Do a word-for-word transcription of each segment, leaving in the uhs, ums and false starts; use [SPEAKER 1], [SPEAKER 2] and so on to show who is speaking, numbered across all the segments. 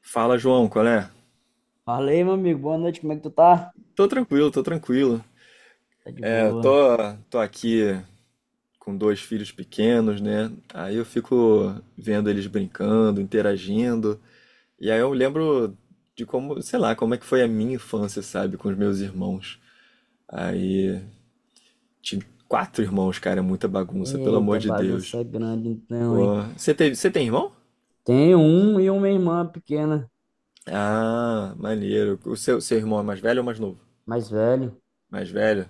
[SPEAKER 1] Fala, João, qual é?
[SPEAKER 2] Fala aí, meu amigo. Boa noite, como é que tu tá?
[SPEAKER 1] Tô tranquilo, tô tranquilo.
[SPEAKER 2] Tá de
[SPEAKER 1] É, tô,
[SPEAKER 2] boa.
[SPEAKER 1] tô aqui com dois filhos pequenos, né? Aí eu fico vendo eles brincando, interagindo. E aí eu lembro de como, sei lá, como é que foi a minha infância, sabe, com os meus irmãos. Aí tive quatro irmãos, cara, é muita bagunça, pelo amor
[SPEAKER 2] Eita,
[SPEAKER 1] de Deus.
[SPEAKER 2] bagunça grande então, hein?
[SPEAKER 1] Pô, você teve, você tem irmão?
[SPEAKER 2] Tenho um e uma irmã pequena,
[SPEAKER 1] Ah, maneiro. O seu, seu irmão é mais velho ou mais novo?
[SPEAKER 2] mais velho.
[SPEAKER 1] Mais velho?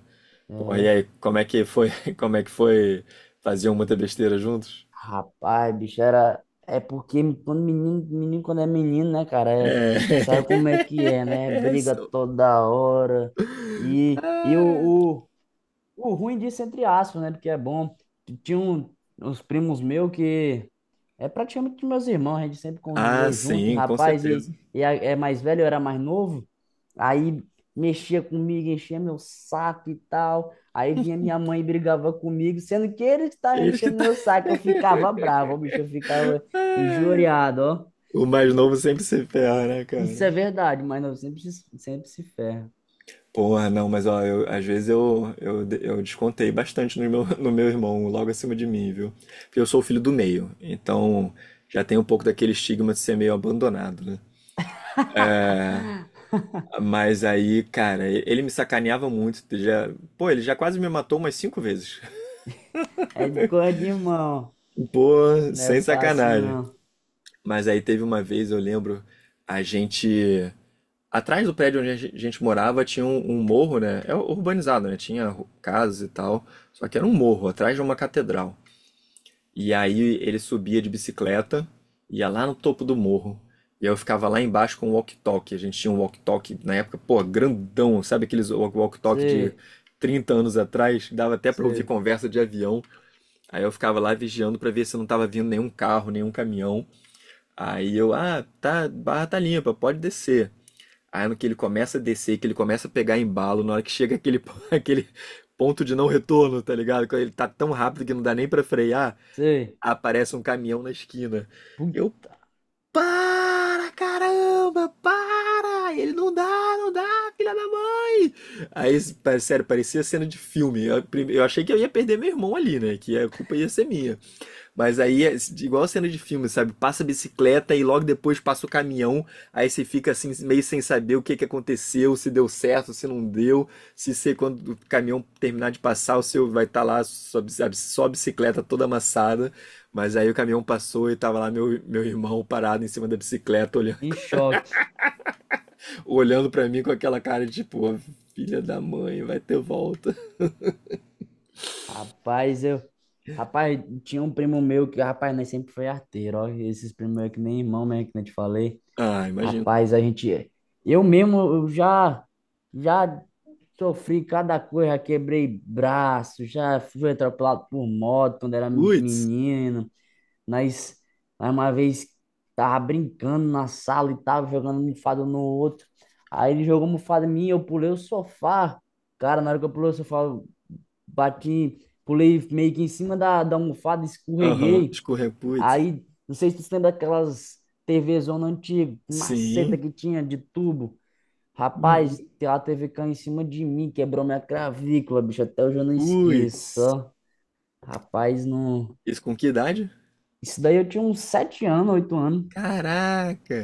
[SPEAKER 1] Porra, e
[SPEAKER 2] É.
[SPEAKER 1] aí, como é que foi? Como é que foi? Faziam muita besteira juntos?
[SPEAKER 2] Rapaz, bicho, era. É porque quando menino, menino quando é menino, né, cara? É...
[SPEAKER 1] É.
[SPEAKER 2] Sabe como é que é, né? Briga
[SPEAKER 1] Isso.
[SPEAKER 2] toda hora. E, e o, O ruim disso, é entre aspas, né? Porque é bom. Tinha um, Uns primos meus que é praticamente meus irmãos, a gente sempre
[SPEAKER 1] Ah,
[SPEAKER 2] conviveu junto,
[SPEAKER 1] sim, com
[SPEAKER 2] rapaz, e,
[SPEAKER 1] certeza.
[SPEAKER 2] e a- é mais velho, eu era mais novo, aí mexia comigo, enchia meu saco e tal, aí vinha minha mãe e brigava comigo, sendo que ele que estava
[SPEAKER 1] Eles que
[SPEAKER 2] enchendo
[SPEAKER 1] tá.
[SPEAKER 2] meu saco, eu ficava bravo, ó, bicho, eu ficava injuriado, ó.
[SPEAKER 1] O mais novo sempre se ferra, né,
[SPEAKER 2] Isso é
[SPEAKER 1] cara?
[SPEAKER 2] verdade, mas não, sempre, se- sempre se ferra.
[SPEAKER 1] Porra, não, mas ó, eu- às vezes eu, eu, eu descontei bastante no meu, no meu irmão, logo acima de mim, viu? Porque eu sou o filho do meio, então já tem um pouco daquele estigma de ser meio abandonado, né? Mas aí, cara, ele me sacaneava muito. Já, pô, ele já quase me matou umas cinco vezes.
[SPEAKER 2] É coisa de irmão,
[SPEAKER 1] Pô,
[SPEAKER 2] não é
[SPEAKER 1] sem
[SPEAKER 2] fácil
[SPEAKER 1] sacanagem.
[SPEAKER 2] não.
[SPEAKER 1] Mas aí teve uma vez, eu lembro, a gente. Atrás do prédio onde a gen- gente morava tinha um, um morro, né? É urbanizado, né? Tinha ru- casas e tal. Só que era um morro, atrás de uma catedral. E aí ele subia de bicicleta, ia lá no topo do morro. E eu ficava lá embaixo com o walkie-talkie. A gente tinha um walkie-talkie na época, pô, grandão. Sabe aqueles wa- walkie-talkie de
[SPEAKER 2] Sei,
[SPEAKER 1] trinta anos atrás? Dava até pra ouvir
[SPEAKER 2] sei,
[SPEAKER 1] conversa de avião. Aí eu ficava lá vigiando pra ver se não tava vindo nenhum carro, nenhum caminhão. Aí eu, ah, tá, barra tá limpa, pode descer. Aí no que ele começa a descer, que ele começa a pegar embalo, na hora que chega aquele, aquele ponto de não retorno, tá ligado? Quando ele tá tão rápido que não dá nem pra frear,
[SPEAKER 2] sei.
[SPEAKER 1] aparece um caminhão na esquina.
[SPEAKER 2] Pum,
[SPEAKER 1] Eu, para, caramba, para! Ele não dá, não dá, filha da mãe! Aí, sério, parecia cena de filme. Eu, eu achei que eu ia perder meu irmão ali, né? Que a culpa ia ser minha. Mas aí, é igual cena de filme, sabe? Passa a bicicleta e logo depois passa o caminhão. Aí você fica assim, meio sem saber o que que aconteceu, se deu certo, se não deu. Se você, quando o caminhão terminar de passar, o seu vai estar lá, sua, bici- a- sua bicicleta toda amassada. Mas aí o caminhão passou e tava lá meu, meu irmão parado em cima da bicicleta, olhando,
[SPEAKER 2] em choque.
[SPEAKER 1] olhando para mim com aquela cara de tipo, "Ô, filha da mãe, vai ter volta.
[SPEAKER 2] Rapaz, eu. Rapaz, tinha um primo meu que, rapaz, nós sempre foi arteiro, ó. Esses primos meus que nem irmão mesmo, que nem te falei.
[SPEAKER 1] Ah, imagino.
[SPEAKER 2] Rapaz, a gente. Eu mesmo, eu já. Já sofri cada coisa, já quebrei braço, já fui atropelado por moto quando era
[SPEAKER 1] Putz,
[SPEAKER 2] menino. Nós, nós uma vez tava brincando na sala e tava jogando mofada um no outro. Aí ele jogou mofada em mim, eu pulei o sofá. Cara, na hora que eu pulei o sofá, eu bati, pulei meio que em cima da, da almofada,
[SPEAKER 1] aham,
[SPEAKER 2] escorreguei.
[SPEAKER 1] escorrer, putz.
[SPEAKER 2] Aí, não sei se tu se lembra daquelas T V zona antiga, maceta
[SPEAKER 1] Sim,
[SPEAKER 2] que tinha de tubo.
[SPEAKER 1] uhum.
[SPEAKER 2] Rapaz, a T V caiu em cima de mim, quebrou minha clavícula, bicho. Até hoje eu não
[SPEAKER 1] Putz.
[SPEAKER 2] esqueço. ó. Rapaz, não.
[SPEAKER 1] Isso com que idade?
[SPEAKER 2] Isso daí eu tinha uns sete anos, oito anos.
[SPEAKER 1] Caraca!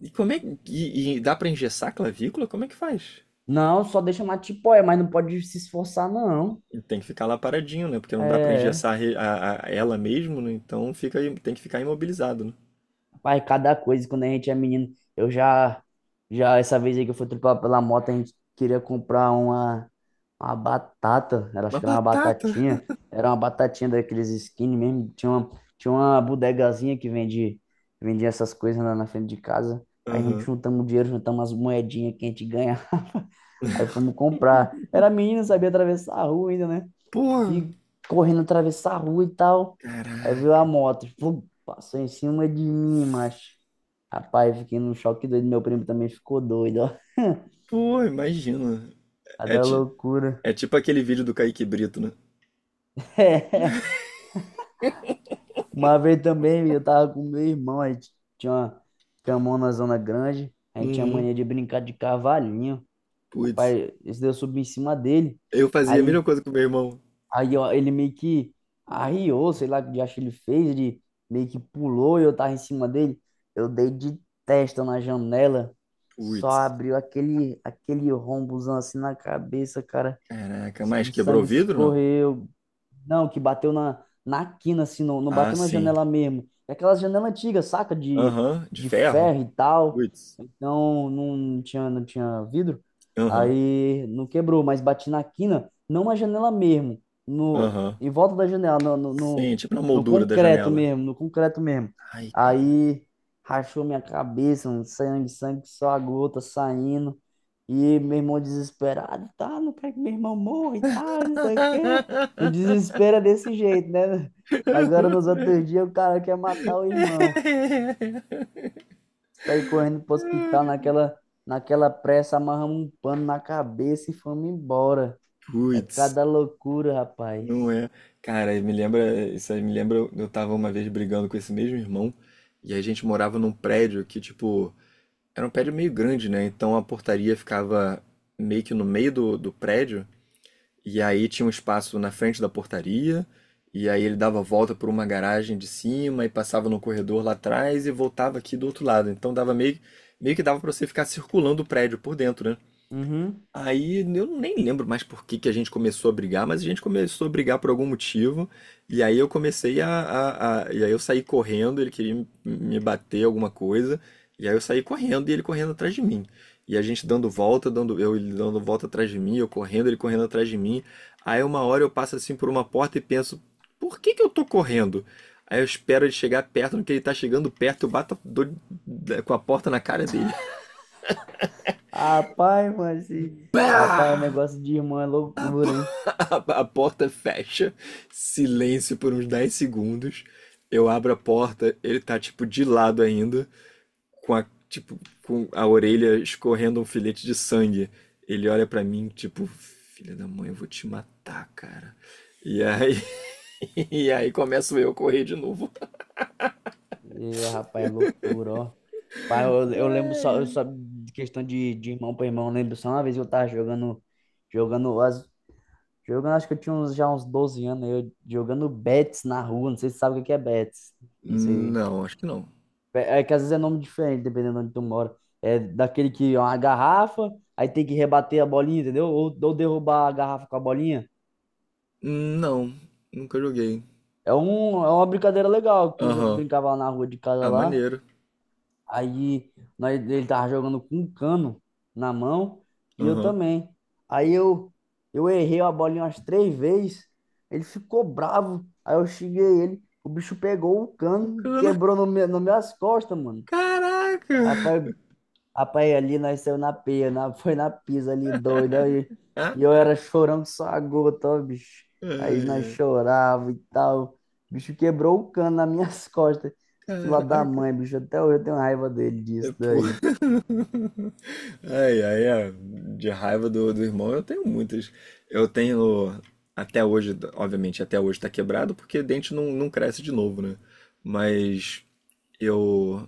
[SPEAKER 1] E como é que. E, e dá pra engessar a clavícula? Como é que faz?
[SPEAKER 2] Não, só deixa mais tipo, é, mas não pode se esforçar, não.
[SPEAKER 1] Tem que ficar lá paradinho, né? Porque não dá pra
[SPEAKER 2] É,
[SPEAKER 1] engessar a re- a- a- ela mesmo, né? Então fica, aí- tem que ficar imobilizado, né?
[SPEAKER 2] pai, cada coisa, quando a gente é menino, eu já, já, essa vez aí que eu fui tripar pela moto, a gente queria comprar uma, uma batata, era, acho
[SPEAKER 1] Uma
[SPEAKER 2] que era uma
[SPEAKER 1] batata!
[SPEAKER 2] batatinha, era uma batatinha daqueles skinny mesmo, tinha uma, tinha uma bodegazinha que vende, vendia essas coisas lá na frente de casa, aí a gente
[SPEAKER 1] Aham.
[SPEAKER 2] juntamos dinheiro, juntamos umas moedinhas que a gente ganhava Aí fomos comprar. Era menino, sabia atravessar a rua ainda, né?
[SPEAKER 1] Pô!
[SPEAKER 2] Fui correndo atravessar a rua e tal. Aí veio a
[SPEAKER 1] Caraca!
[SPEAKER 2] moto, flum, passou em cima de mim, macho. Rapaz, fiquei num choque doido. Meu primo também ficou doido, ó.
[SPEAKER 1] Pô, imagina!
[SPEAKER 2] A
[SPEAKER 1] É,
[SPEAKER 2] da
[SPEAKER 1] ti-
[SPEAKER 2] loucura.
[SPEAKER 1] é tipo aquele vídeo do Kaique Brito, né?
[SPEAKER 2] É. Uma vez também, eu tava com meu irmão, a gente tinha uma camão na zona grande. A gente tinha
[SPEAKER 1] Uhum.
[SPEAKER 2] mania de brincar de cavalinho.
[SPEAKER 1] Putz.
[SPEAKER 2] Rapaz, esse daí eu subi em cima dele.
[SPEAKER 1] Eu fazia a mesma
[SPEAKER 2] Aí
[SPEAKER 1] coisa com meu irmão.
[SPEAKER 2] Aí ó, ele meio que arriou, sei lá o que diacho ele fez, ele meio que pulou e eu tava em cima dele. Eu dei de testa na janela, só
[SPEAKER 1] Putz.
[SPEAKER 2] abriu aquele, aquele rombozão assim na cabeça, cara.
[SPEAKER 1] Caraca, mas
[SPEAKER 2] O
[SPEAKER 1] quebrou o
[SPEAKER 2] sangue
[SPEAKER 1] vidro, não?
[SPEAKER 2] escorreu. Não, que bateu na, na quina, assim, não, não
[SPEAKER 1] Ah,
[SPEAKER 2] bateu na
[SPEAKER 1] sim.
[SPEAKER 2] janela mesmo. É aquelas janelas antigas, saca? De,
[SPEAKER 1] Aham, de
[SPEAKER 2] de
[SPEAKER 1] ferro?
[SPEAKER 2] ferro e tal.
[SPEAKER 1] Putz.
[SPEAKER 2] Então não tinha, não tinha vidro.
[SPEAKER 1] Aham.
[SPEAKER 2] Aí não quebrou, mas bati na quina, não na janela mesmo. No,
[SPEAKER 1] Aham.
[SPEAKER 2] em volta da janela, no, no, no,
[SPEAKER 1] Sim, tipo na
[SPEAKER 2] no
[SPEAKER 1] moldura da
[SPEAKER 2] concreto
[SPEAKER 1] janela.
[SPEAKER 2] mesmo, no concreto mesmo.
[SPEAKER 1] Ai, cara.
[SPEAKER 2] Aí rachou minha cabeça, um sangue, sangue, só a gota saindo. E meu irmão desesperado, tá? Não quero que meu irmão morra e tal, não sei o quê. No desespero é desse jeito, né? Agora nos outros dias o cara quer matar o irmão. Saí correndo pro hospital naquela, naquela pressa, amarramos um pano na cabeça e fomos embora. É
[SPEAKER 1] Putz,
[SPEAKER 2] cada loucura, rapaz.
[SPEAKER 1] não é. Cara, me lembra, isso aí me lembra, eu tava uma vez brigando com esse mesmo irmão, e a gente morava num prédio que, tipo, era um prédio meio grande, né? Então a portaria ficava meio que no meio do, do prédio, e aí tinha um espaço na frente da portaria, e aí ele dava a volta por uma garagem de cima e passava no corredor lá atrás e voltava aqui do outro lado. Então dava meio, meio que dava para você ficar circulando o prédio por dentro, né?
[SPEAKER 2] Uhum.
[SPEAKER 1] Aí eu nem lembro mais por que que a gente começou a brigar, mas a gente começou a brigar por algum motivo. E aí eu comecei a, a- a- e aí eu saí correndo, ele queria me me bater alguma coisa. E aí eu saí correndo e ele correndo atrás de mim. E a gente dando volta, dando eu ele dando volta atrás de mim, eu correndo, ele correndo atrás de mim. Aí uma hora eu passo assim por uma porta e penso, por que que eu tô correndo? Aí eu espero ele chegar perto, no que ele tá chegando perto, eu bato a- dou- com a porta na cara dele.
[SPEAKER 2] Rapaz, mas esse- rapaz,
[SPEAKER 1] Pá!
[SPEAKER 2] negócio de irmão é loucura, hein?
[SPEAKER 1] A, a porta fecha, silêncio por uns dez segundos. Eu abro a porta, ele tá tipo de lado ainda, com a tipo com a orelha escorrendo um filete de sangue. Ele olha pra mim, tipo, filha da mãe, eu vou te matar, cara. E aí, e aí começo eu a correr de novo.
[SPEAKER 2] E, rapaz, é loucura, ó. Pai, eu, eu lembro só, eu só de questão de, de irmão para irmão, eu lembro só uma vez eu tava jogando, jogando, as- jogando, acho que eu tinha uns, já uns doze anos, eu jogando bets na rua, não sei se você sabe o que que é bets, não sei.
[SPEAKER 1] Não, acho que não.
[SPEAKER 2] É, é que às vezes é nome diferente, dependendo de onde tu mora. É daquele que é uma garrafa, aí tem que rebater a bolinha, entendeu? Ou, ou derrubar a garrafa com a bolinha.
[SPEAKER 1] Não, nunca joguei.
[SPEAKER 2] É, um, é uma brincadeira legal que eu já
[SPEAKER 1] Aham.
[SPEAKER 2] brincava lá na rua de casa
[SPEAKER 1] Ah,
[SPEAKER 2] lá.
[SPEAKER 1] maneiro.
[SPEAKER 2] Aí nós, ele tava jogando com um cano na mão e eu
[SPEAKER 1] Aham.
[SPEAKER 2] também. Aí eu, eu errei a bolinha umas três vezes, ele ficou bravo. Aí eu xinguei ele, o bicho pegou o cano e
[SPEAKER 1] Bacana.
[SPEAKER 2] quebrou no meu, nas minhas costas, mano.
[SPEAKER 1] Caraca.
[SPEAKER 2] Rapaz, Rapaz, ali nasceu na pia, na, foi na pisa ali, doido. Aí,
[SPEAKER 1] Ah,
[SPEAKER 2] e eu era chorão que só a gota, ó, bicho. Aí
[SPEAKER 1] ai,
[SPEAKER 2] nós
[SPEAKER 1] ai.
[SPEAKER 2] chorava e tal. O bicho quebrou o cano nas minhas costas. Fila da
[SPEAKER 1] Caraca.
[SPEAKER 2] mãe, bicho. Até hoje eu tenho raiva dele
[SPEAKER 1] É,
[SPEAKER 2] disso
[SPEAKER 1] pô.
[SPEAKER 2] daí.
[SPEAKER 1] Ai, ai, é. De raiva do, do irmão, eu tenho muitas. Eu tenho até hoje, obviamente, até hoje tá quebrado, porque dente não, não cresce de novo, né? Mas eu.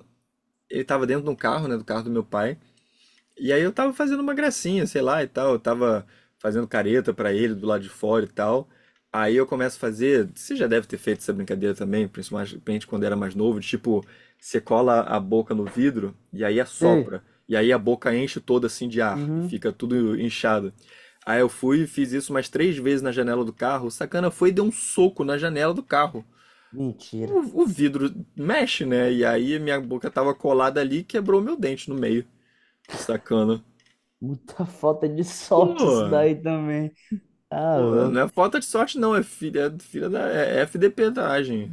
[SPEAKER 1] Ele tava dentro de um carro, né? Do carro do meu pai. E aí eu tava fazendo uma gracinha, sei lá, e tal. Eu tava fazendo careta pra ele do lado de fora e tal. Aí eu começo a fazer. Você já deve ter feito essa brincadeira também, principalmente quando era mais novo, de, tipo, você cola a boca no vidro e aí
[SPEAKER 2] Sei.
[SPEAKER 1] assopra. E aí a boca enche toda assim de ar e
[SPEAKER 2] Uhum.
[SPEAKER 1] fica tudo inchado. Aí eu fui e fiz isso umas três vezes na janela do carro. O sacana foi e deu um soco na janela do carro.
[SPEAKER 2] Mentira.
[SPEAKER 1] O, o vidro mexe, né? E aí minha boca tava colada ali e quebrou meu dente no meio. O sacana.
[SPEAKER 2] Muita falta de sorte isso
[SPEAKER 1] Pô,
[SPEAKER 2] daí também. Tá
[SPEAKER 1] pô, não
[SPEAKER 2] louco.
[SPEAKER 1] é falta de sorte, não. É filha, é filha da é F D P-dragem.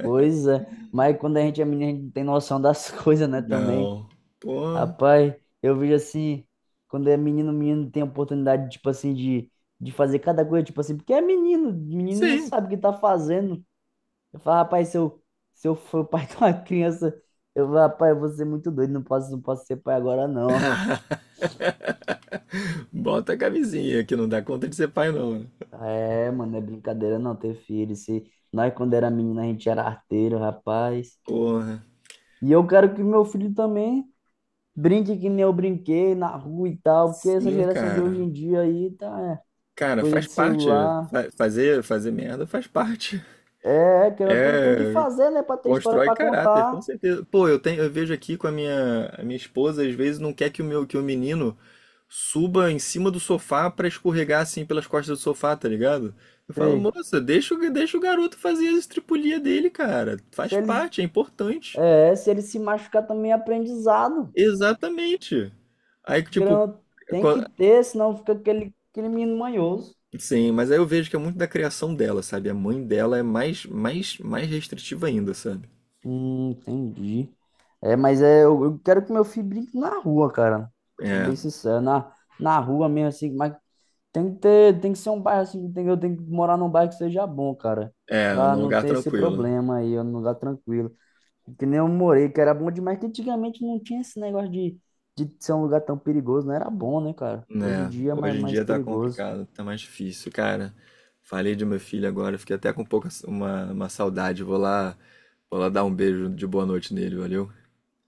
[SPEAKER 2] Pois é. Mas quando a gente é menino, a gente não tem noção das coisas, né, também.
[SPEAKER 1] Não. Pô,
[SPEAKER 2] Rapaz, eu vejo assim, quando é menino, menino tem oportunidade, tipo assim, de, de fazer cada coisa, tipo assim, porque é menino, menino não
[SPEAKER 1] sim.
[SPEAKER 2] sabe o que tá fazendo. Eu falo, rapaz, se eu, se eu for pai de uma criança, eu falo, rapaz, eu vou ser muito doido, não posso, não posso ser pai agora, não.
[SPEAKER 1] Bota a camisinha, que não dá conta de ser pai, não, né?
[SPEAKER 2] É, mano, é brincadeira não ter filho. Se nós, quando era menino, a gente era arteiro, rapaz.
[SPEAKER 1] Porra.
[SPEAKER 2] E eu quero que meu filho também brinque que nem eu brinquei na rua e tal, porque essa
[SPEAKER 1] Sim,
[SPEAKER 2] geração de hoje
[SPEAKER 1] cara.
[SPEAKER 2] em dia aí tá, é,
[SPEAKER 1] Cara,
[SPEAKER 2] coisa
[SPEAKER 1] faz
[SPEAKER 2] de
[SPEAKER 1] parte.
[SPEAKER 2] celular.
[SPEAKER 1] Fa- Fazer, fazer merda faz parte.
[SPEAKER 2] É, que não tem, tem que
[SPEAKER 1] É,
[SPEAKER 2] fazer, né, para ter história
[SPEAKER 1] constrói
[SPEAKER 2] para
[SPEAKER 1] caráter,
[SPEAKER 2] contar.
[SPEAKER 1] com certeza. Pô, eu tenho, eu vejo aqui com a minha, a minha esposa, às vezes não quer que o meu, que o menino suba em cima do sofá pra escorregar assim pelas costas do sofá, tá ligado? Eu falo,
[SPEAKER 2] Sei.
[SPEAKER 1] moça, deixa, o- deixa o garoto fazer as estripulias dele, cara. Faz
[SPEAKER 2] Se eles,
[SPEAKER 1] parte, é importante.
[SPEAKER 2] é, se eles se machucar também é aprendizado.
[SPEAKER 1] Exatamente. Aí que tipo,
[SPEAKER 2] Querendo, ou não, tem
[SPEAKER 1] co-
[SPEAKER 2] que ter, senão fica aquele, aquele menino manhoso.
[SPEAKER 1] sim, mas aí eu vejo que é muito da criação dela, sabe? A mãe dela é mais mais mais restritiva ainda, sabe?
[SPEAKER 2] Hum, entendi. É, mas é, eu, eu quero que meu filho brinque na rua, cara. Sendo
[SPEAKER 1] É,
[SPEAKER 2] bem sincero, na, na rua mesmo, assim, mas tem que ter, tem que ser um bairro assim, tem, eu tenho que morar num bairro que seja bom, cara.
[SPEAKER 1] é,
[SPEAKER 2] Pra
[SPEAKER 1] num
[SPEAKER 2] não
[SPEAKER 1] lugar
[SPEAKER 2] ter esse
[SPEAKER 1] tranquilo.
[SPEAKER 2] problema aí, num lugar tranquilo. Que nem eu morei, que era bom demais, que antigamente não tinha esse negócio de, de ser um lugar tão perigoso, não era bom, né, cara? Hoje em
[SPEAKER 1] Né,
[SPEAKER 2] dia é mais,
[SPEAKER 1] hoje em
[SPEAKER 2] mais
[SPEAKER 1] dia tá
[SPEAKER 2] perigoso.
[SPEAKER 1] complicado, tá mais difícil, cara. Falei de meu filho agora, fiquei até com um pouco uma, uma saudade. Vou lá, vou lá dar um beijo de boa noite nele, valeu?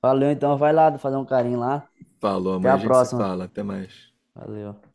[SPEAKER 2] Valeu, então, vai lá fazer um carinho lá.
[SPEAKER 1] Falou,
[SPEAKER 2] Até
[SPEAKER 1] amanhã a
[SPEAKER 2] a
[SPEAKER 1] gente se
[SPEAKER 2] próxima.
[SPEAKER 1] fala, até mais.
[SPEAKER 2] Valeu.